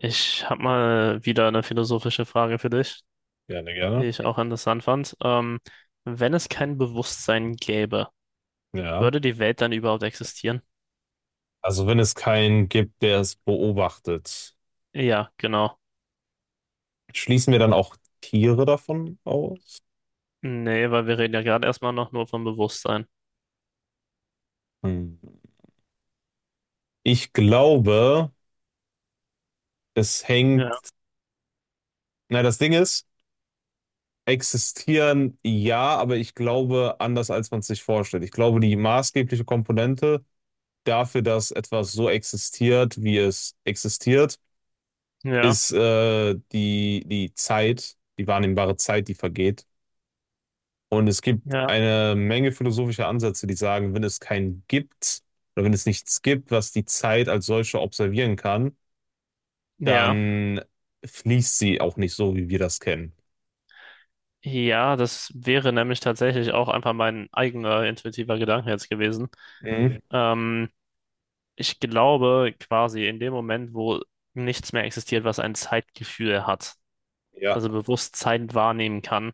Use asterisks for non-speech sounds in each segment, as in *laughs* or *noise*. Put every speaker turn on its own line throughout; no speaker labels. Ich habe mal wieder eine philosophische Frage für dich,
Gerne,
die
gerne.
ich auch interessant fand. Wenn es kein Bewusstsein gäbe,
Ja.
würde die Welt dann überhaupt existieren?
Also wenn es keinen gibt, der es beobachtet,
Ja, genau.
schließen wir dann auch Tiere davon aus?
Nee, weil wir reden ja gerade erstmal noch nur vom Bewusstsein.
Hm. Ich glaube, es
Ja,
hängt. Na, das Ding ist, existieren ja, aber ich glaube anders, als man es sich vorstellt. Ich glaube, die maßgebliche Komponente dafür, dass etwas so existiert, wie es existiert,
ja,
ist die, die Zeit, die wahrnehmbare Zeit, die vergeht. Und es gibt
ja,
eine Menge philosophischer Ansätze, die sagen, wenn es keinen gibt oder wenn es nichts gibt, was die Zeit als solche observieren kann,
ja.
dann fließt sie auch nicht so, wie wir das kennen.
Ja, das wäre nämlich tatsächlich auch einfach mein eigener intuitiver Gedanke jetzt gewesen.
Mhm.
Ähm, Ich glaube quasi in dem Moment, wo nichts mehr existiert, was ein Zeitgefühl hat,
Ja.
also bewusst Zeit wahrnehmen kann,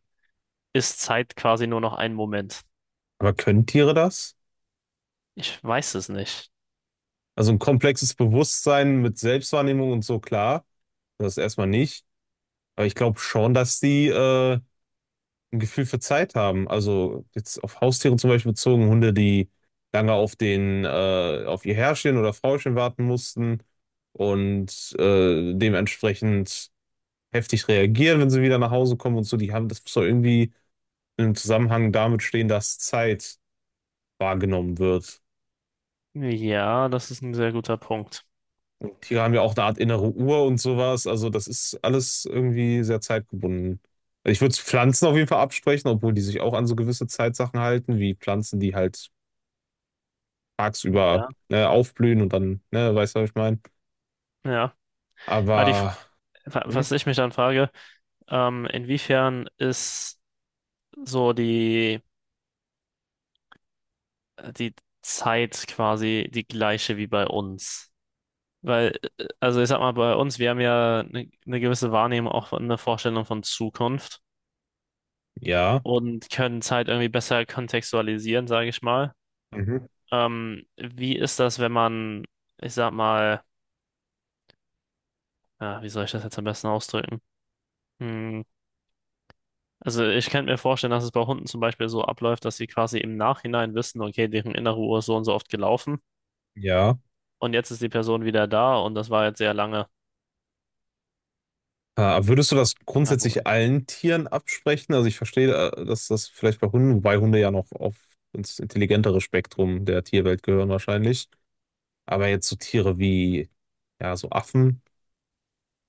ist Zeit quasi nur noch ein Moment?
Aber können Tiere das?
Ich weiß es nicht.
Also ein komplexes Bewusstsein mit Selbstwahrnehmung und so, klar, das erstmal nicht. Aber ich glaube schon, dass die ein Gefühl für Zeit haben. Also jetzt auf Haustiere zum Beispiel bezogen, Hunde, die lange auf den, auf ihr Herrchen oder Frauchen warten mussten und dementsprechend heftig reagieren, wenn sie wieder nach Hause kommen und so, die haben, das muss doch irgendwie in einem Zusammenhang damit stehen, dass Zeit wahrgenommen wird.
Ja, das ist ein sehr guter Punkt.
Tiere haben ja auch eine Art innere Uhr und sowas. Also das ist alles irgendwie sehr zeitgebunden. Also ich würde Pflanzen auf jeden Fall absprechen, obwohl die sich auch an so gewisse Zeitsachen halten, wie Pflanzen, die halt tagsüber
Ja,
ne, aufblühen und dann, ne, weißt du, was ich meine?
ja. Ah, die, F-
Aber
was
hm,
ich mich dann frage: inwiefern ist so die Zeit quasi die gleiche wie bei uns? Weil, also ich sag mal, bei uns, wir haben ja eine gewisse Wahrnehmung, auch eine Vorstellung von Zukunft
ja,
und können Zeit irgendwie besser kontextualisieren, sage ich mal.
Mhm.
Wie ist das, wenn man, ich sag mal, ja, wie soll ich das jetzt am besten ausdrücken? Hm. Also ich könnte mir vorstellen, dass es bei Hunden zum Beispiel so abläuft, dass sie quasi im Nachhinein wissen, okay, deren innere Uhr ist so und so oft gelaufen
Ja.
und jetzt ist die Person wieder da und das war jetzt sehr lange.
Würdest du das
Oder
grundsätzlich
wobei.
allen Tieren absprechen? Also ich verstehe, dass das vielleicht bei Hunden, wobei Hunde ja noch auf ins intelligentere Spektrum der Tierwelt gehören wahrscheinlich. Aber jetzt so Tiere wie, ja, so Affen,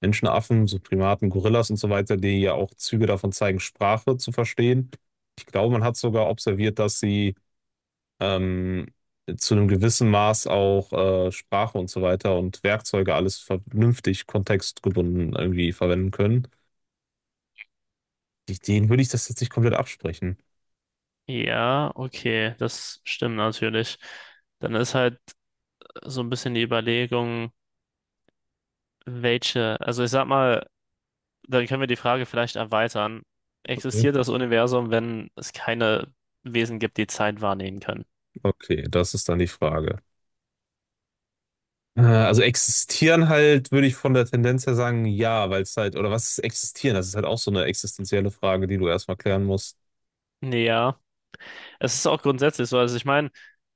Menschenaffen, so Primaten, Gorillas und so weiter, die ja auch Züge davon zeigen, Sprache zu verstehen. Ich glaube, man hat sogar observiert, dass sie ähm, zu einem gewissen Maß auch Sprache und so weiter und Werkzeuge alles vernünftig kontextgebunden irgendwie verwenden können. Denen würde ich das jetzt nicht komplett absprechen.
Ja, okay, das stimmt natürlich. Dann ist halt so ein bisschen die Überlegung, welche, also ich sag mal, dann können wir die Frage vielleicht erweitern.
Okay.
Existiert das Universum, wenn es keine Wesen gibt, die Zeit wahrnehmen können?
Okay, das ist dann die Frage. Also existieren halt, würde ich von der Tendenz her sagen, ja, weil es halt, oder was ist existieren? Das ist halt auch so eine existenzielle Frage, die du erstmal klären musst.
Ja. Es ist auch grundsätzlich so. Also ich meine,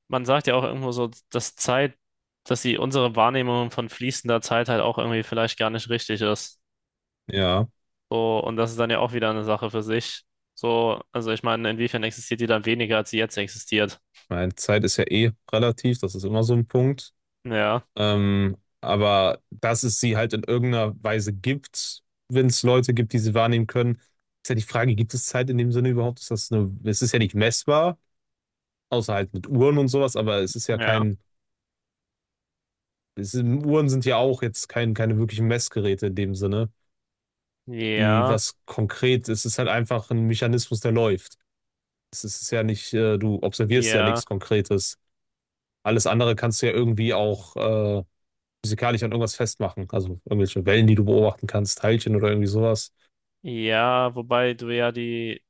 man sagt ja auch irgendwo so, dass Zeit, dass die unsere Wahrnehmung von fließender Zeit halt auch irgendwie vielleicht gar nicht richtig ist.
Ja,
So, und das ist dann ja auch wieder eine Sache für sich. So, also ich meine, inwiefern existiert die dann weniger, als sie jetzt existiert?
meine Zeit ist ja eh relativ, das ist immer so ein Punkt.
Ja,
Aber dass es sie halt in irgendeiner Weise gibt, wenn es Leute gibt, die sie wahrnehmen können, ist ja die Frage, gibt es Zeit in dem Sinne überhaupt? Ist das eine, es ist ja nicht messbar, außer halt mit Uhren und sowas, aber es ist ja
ja,
kein, es sind, Uhren sind ja auch jetzt kein, keine wirklichen Messgeräte in dem Sinne, die
ja,
was konkret, es ist halt einfach ein Mechanismus, der läuft. Es ist ja nicht, du observierst ja
ja,
nichts Konkretes. Alles andere kannst du ja irgendwie auch, physikalisch an irgendwas festmachen. Also irgendwelche Wellen, die du beobachten kannst, Teilchen oder irgendwie sowas.
ja, wobei du ja die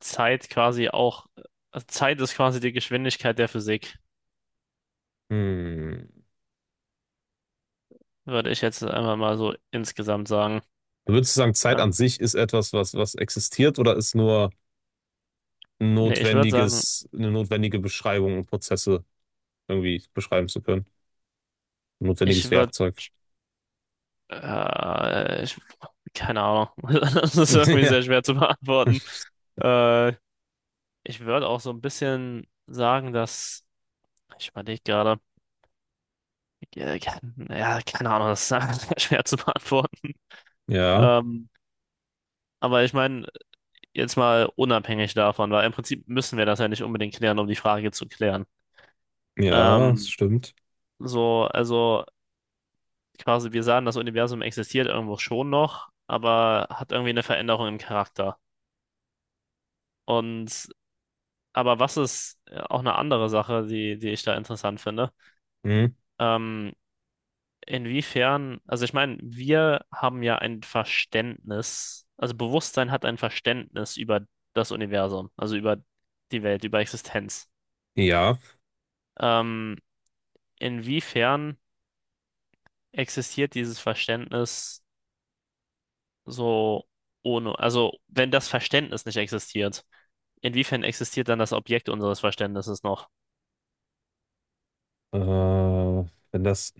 Zeit quasi auch, also Zeit ist quasi die Geschwindigkeit der Physik,
Hm.
würde ich jetzt einfach mal so insgesamt sagen.
Würdest du sagen, Zeit
Ja.
an sich ist etwas, was, was existiert oder ist nur ein
Nee, ich würde sagen,
notwendiges, eine notwendige Beschreibung, um Prozesse irgendwie beschreiben zu können? Ein notwendiges
ich würde
Werkzeug.
Ich, keine Ahnung. *laughs* Das ist
*laughs*
irgendwie
Ja,
sehr schwer zu beantworten. Äh, Ich würde auch so ein bisschen sagen, dass. Ich überlege gerade. Ja, ke- ja, keine Ahnung, das ist einfach *laughs* sehr schwer zu beantworten.
ja,
Ähm, aber ich meine, jetzt mal unabhängig davon, weil im Prinzip müssen wir das ja nicht unbedingt klären, um die Frage zu klären.
ja, das
Ähm,
stimmt.
so, also quasi, wir sagen, das Universum existiert irgendwo schon noch, aber hat irgendwie eine Veränderung im Charakter. Und aber was ist auch eine andere Sache, die ich da interessant finde?
Hm.
Ähm, inwiefern, also ich meine, wir haben ja ein Verständnis, also Bewusstsein hat ein Verständnis über das Universum, also über die Welt, über Existenz.
Ja,
Ähm, inwiefern existiert dieses Verständnis so ohne, also wenn das Verständnis nicht existiert, inwiefern existiert dann das Objekt unseres Verständnisses noch?
wenn das,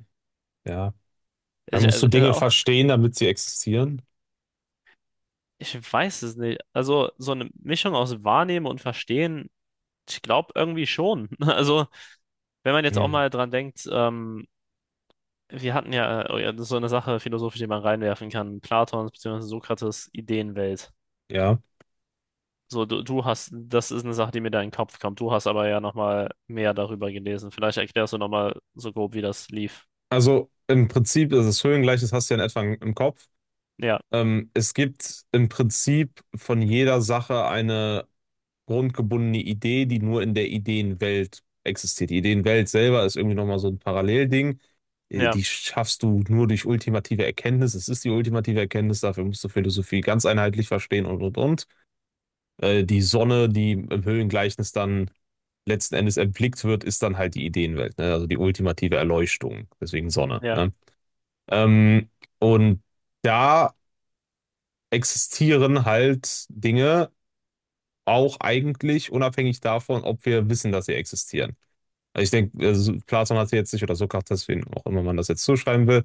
ja, dann
Also Ich,
musst du
äh,
Dinge
äh,
verstehen, damit sie existieren.
Ich weiß es nicht. Also so eine Mischung aus Wahrnehmen und Verstehen, ich glaube irgendwie schon. *laughs* Also wenn man jetzt auch
Hm.
mal dran denkt, wir hatten ja, oh ja, das ist so eine Sache philosophisch, die man reinwerfen kann: Platons bzw. Sokrates Ideenwelt.
Ja,
So, du hast, das ist eine Sache, die mir da in den Kopf kommt. Du hast aber ja nochmal mehr darüber gelesen. Vielleicht erklärst du nochmal so grob, wie das lief.
also im Prinzip ist das Höhengleichnis hast du ja in etwa im Kopf.
Ja,
Es gibt im Prinzip von jeder Sache eine grundgebundene Idee, die nur in der Ideenwelt existiert. Die Ideenwelt selber ist irgendwie nochmal so ein Parallelding.
ja,
Die schaffst du nur durch ultimative Erkenntnis. Es ist die ultimative Erkenntnis, dafür musst du Philosophie ganz einheitlich verstehen und und. Die Sonne, die im Höhlengleichnis dann letzten Endes erblickt wird, ist dann halt die Ideenwelt, ne? Also die ultimative Erleuchtung, deswegen Sonne,
ja,
ne? Ähm, und da existieren halt Dinge auch eigentlich unabhängig davon, ob wir wissen, dass sie existieren. Also ich denke, also Platon hatte jetzt nicht, oder Sokrates, wen auch immer man das jetzt zuschreiben will,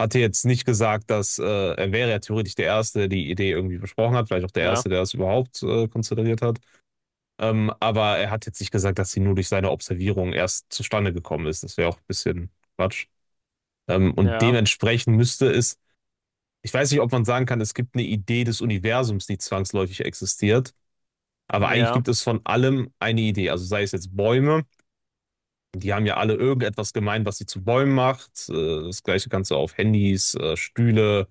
hatte jetzt nicht gesagt, dass er wäre ja theoretisch der Erste, der die Idee irgendwie besprochen hat, vielleicht auch der
ja,
Erste, der das überhaupt konzentriert hat. Aber er hat jetzt nicht gesagt, dass sie nur durch seine Observierung erst zustande gekommen ist. Das wäre auch ein bisschen Quatsch. Und
ja,
dementsprechend müsste es, ich weiß nicht, ob man sagen kann, es gibt eine Idee des Universums, die zwangsläufig existiert. Aber eigentlich
ja,
gibt es von allem eine Idee. Also sei es jetzt Bäume, die haben ja alle irgendetwas gemein, was sie zu Bäumen macht. Das gleiche kannst du auf Handys, Stühle,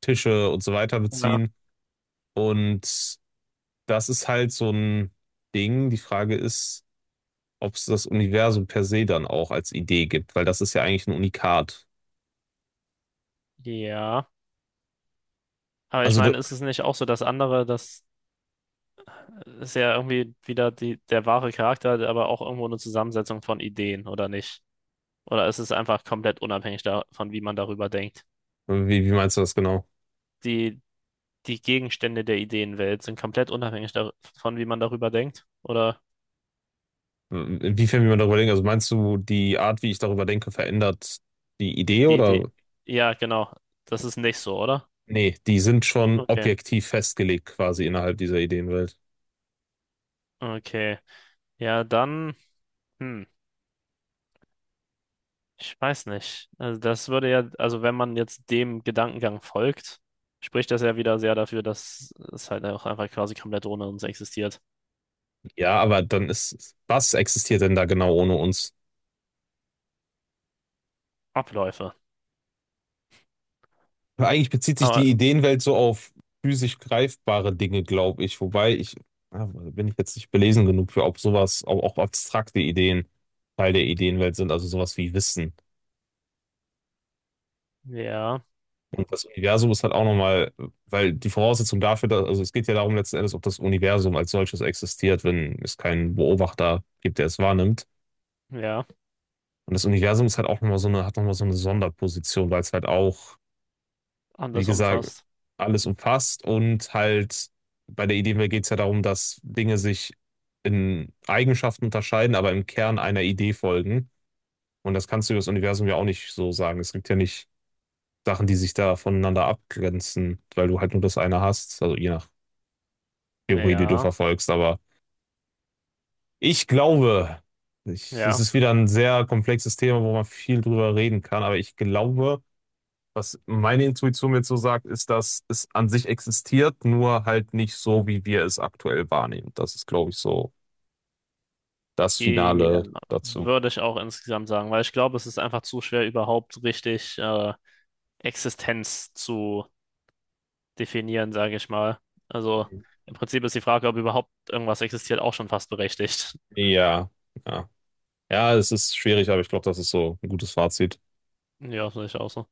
Tische und so weiter
ja,
beziehen. Und das ist halt so ein Ding. Die Frage ist, ob es das Universum per se dann auch als Idee gibt, weil das ist ja eigentlich ein Unikat.
ja. Aber ich
Also
meine, ist es nicht auch so, dass andere das ist ja irgendwie wieder die, der wahre Charakter, aber auch irgendwo eine Zusammensetzung von Ideen, oder nicht? Oder ist es einfach komplett unabhängig davon, wie man darüber denkt?
wie, wie meinst du das genau?
Die, die Gegenstände der Ideenwelt sind komplett unabhängig davon, wie man darüber denkt? Oder
Inwiefern, wie man darüber denkt? Also meinst du, die Art, wie ich darüber denke, verändert die Idee
die Idee?
oder?
Ja, genau. Das ist nicht so, oder?
Nee, die sind schon
Okay.
objektiv festgelegt quasi innerhalb dieser Ideenwelt.
Okay. Ja, dann, hm, ich weiß nicht. Also das würde ja, also wenn man jetzt dem Gedankengang folgt, spricht das ja wieder sehr dafür, dass es halt auch einfach quasi komplett ohne uns existiert.
Ja, aber dann ist, was existiert denn da genau ohne uns?
Abläufe.
Eigentlich bezieht sich
Aber
die Ideenwelt so auf physisch greifbare Dinge, glaube ich. Wobei ich, ah, bin ich jetzt nicht belesen genug für, ob sowas, auch, auch abstrakte Ideen Teil der Ideenwelt sind, also sowas wie Wissen.
ja,
Und das Universum ist halt auch nochmal, weil die Voraussetzung dafür, dass, also es geht ja darum letzten Endes, ob das Universum als solches existiert, wenn es keinen Beobachter gibt, der es wahrnimmt.
ja,
Und das Universum ist halt auch nochmal so eine, hat nochmal so eine Sonderposition, weil es halt auch, wie
anders
gesagt,
umfasst.
alles umfasst und halt bei der Idee geht es ja darum, dass Dinge sich in Eigenschaften unterscheiden, aber im Kern einer Idee folgen. Und das kannst du über das Universum ja auch nicht so sagen. Es gibt ja nicht Sachen, die sich da voneinander abgrenzen, weil du halt nur das eine hast. Also je nach Theorie, die du
Ja,
verfolgst. Aber ich glaube, ich, es
ja.
ist wieder ein sehr komplexes Thema, wo man viel drüber reden kann, aber ich glaube, was meine Intuition mir so sagt, ist, dass es an sich existiert, nur halt nicht so, wie wir es aktuell wahrnehmen. Das ist, glaube ich, so das
Ja,
Finale dazu.
würde ich auch insgesamt sagen, weil ich glaube, es ist einfach zu schwer, überhaupt richtig Existenz zu definieren, sage ich mal. Also im Prinzip ist die Frage, ob überhaupt irgendwas existiert, auch schon fast berechtigt.
Ja, ja. Ja, es ist schwierig, aber ich glaube, das ist so ein gutes Fazit.
Ja, sehe ich auch so.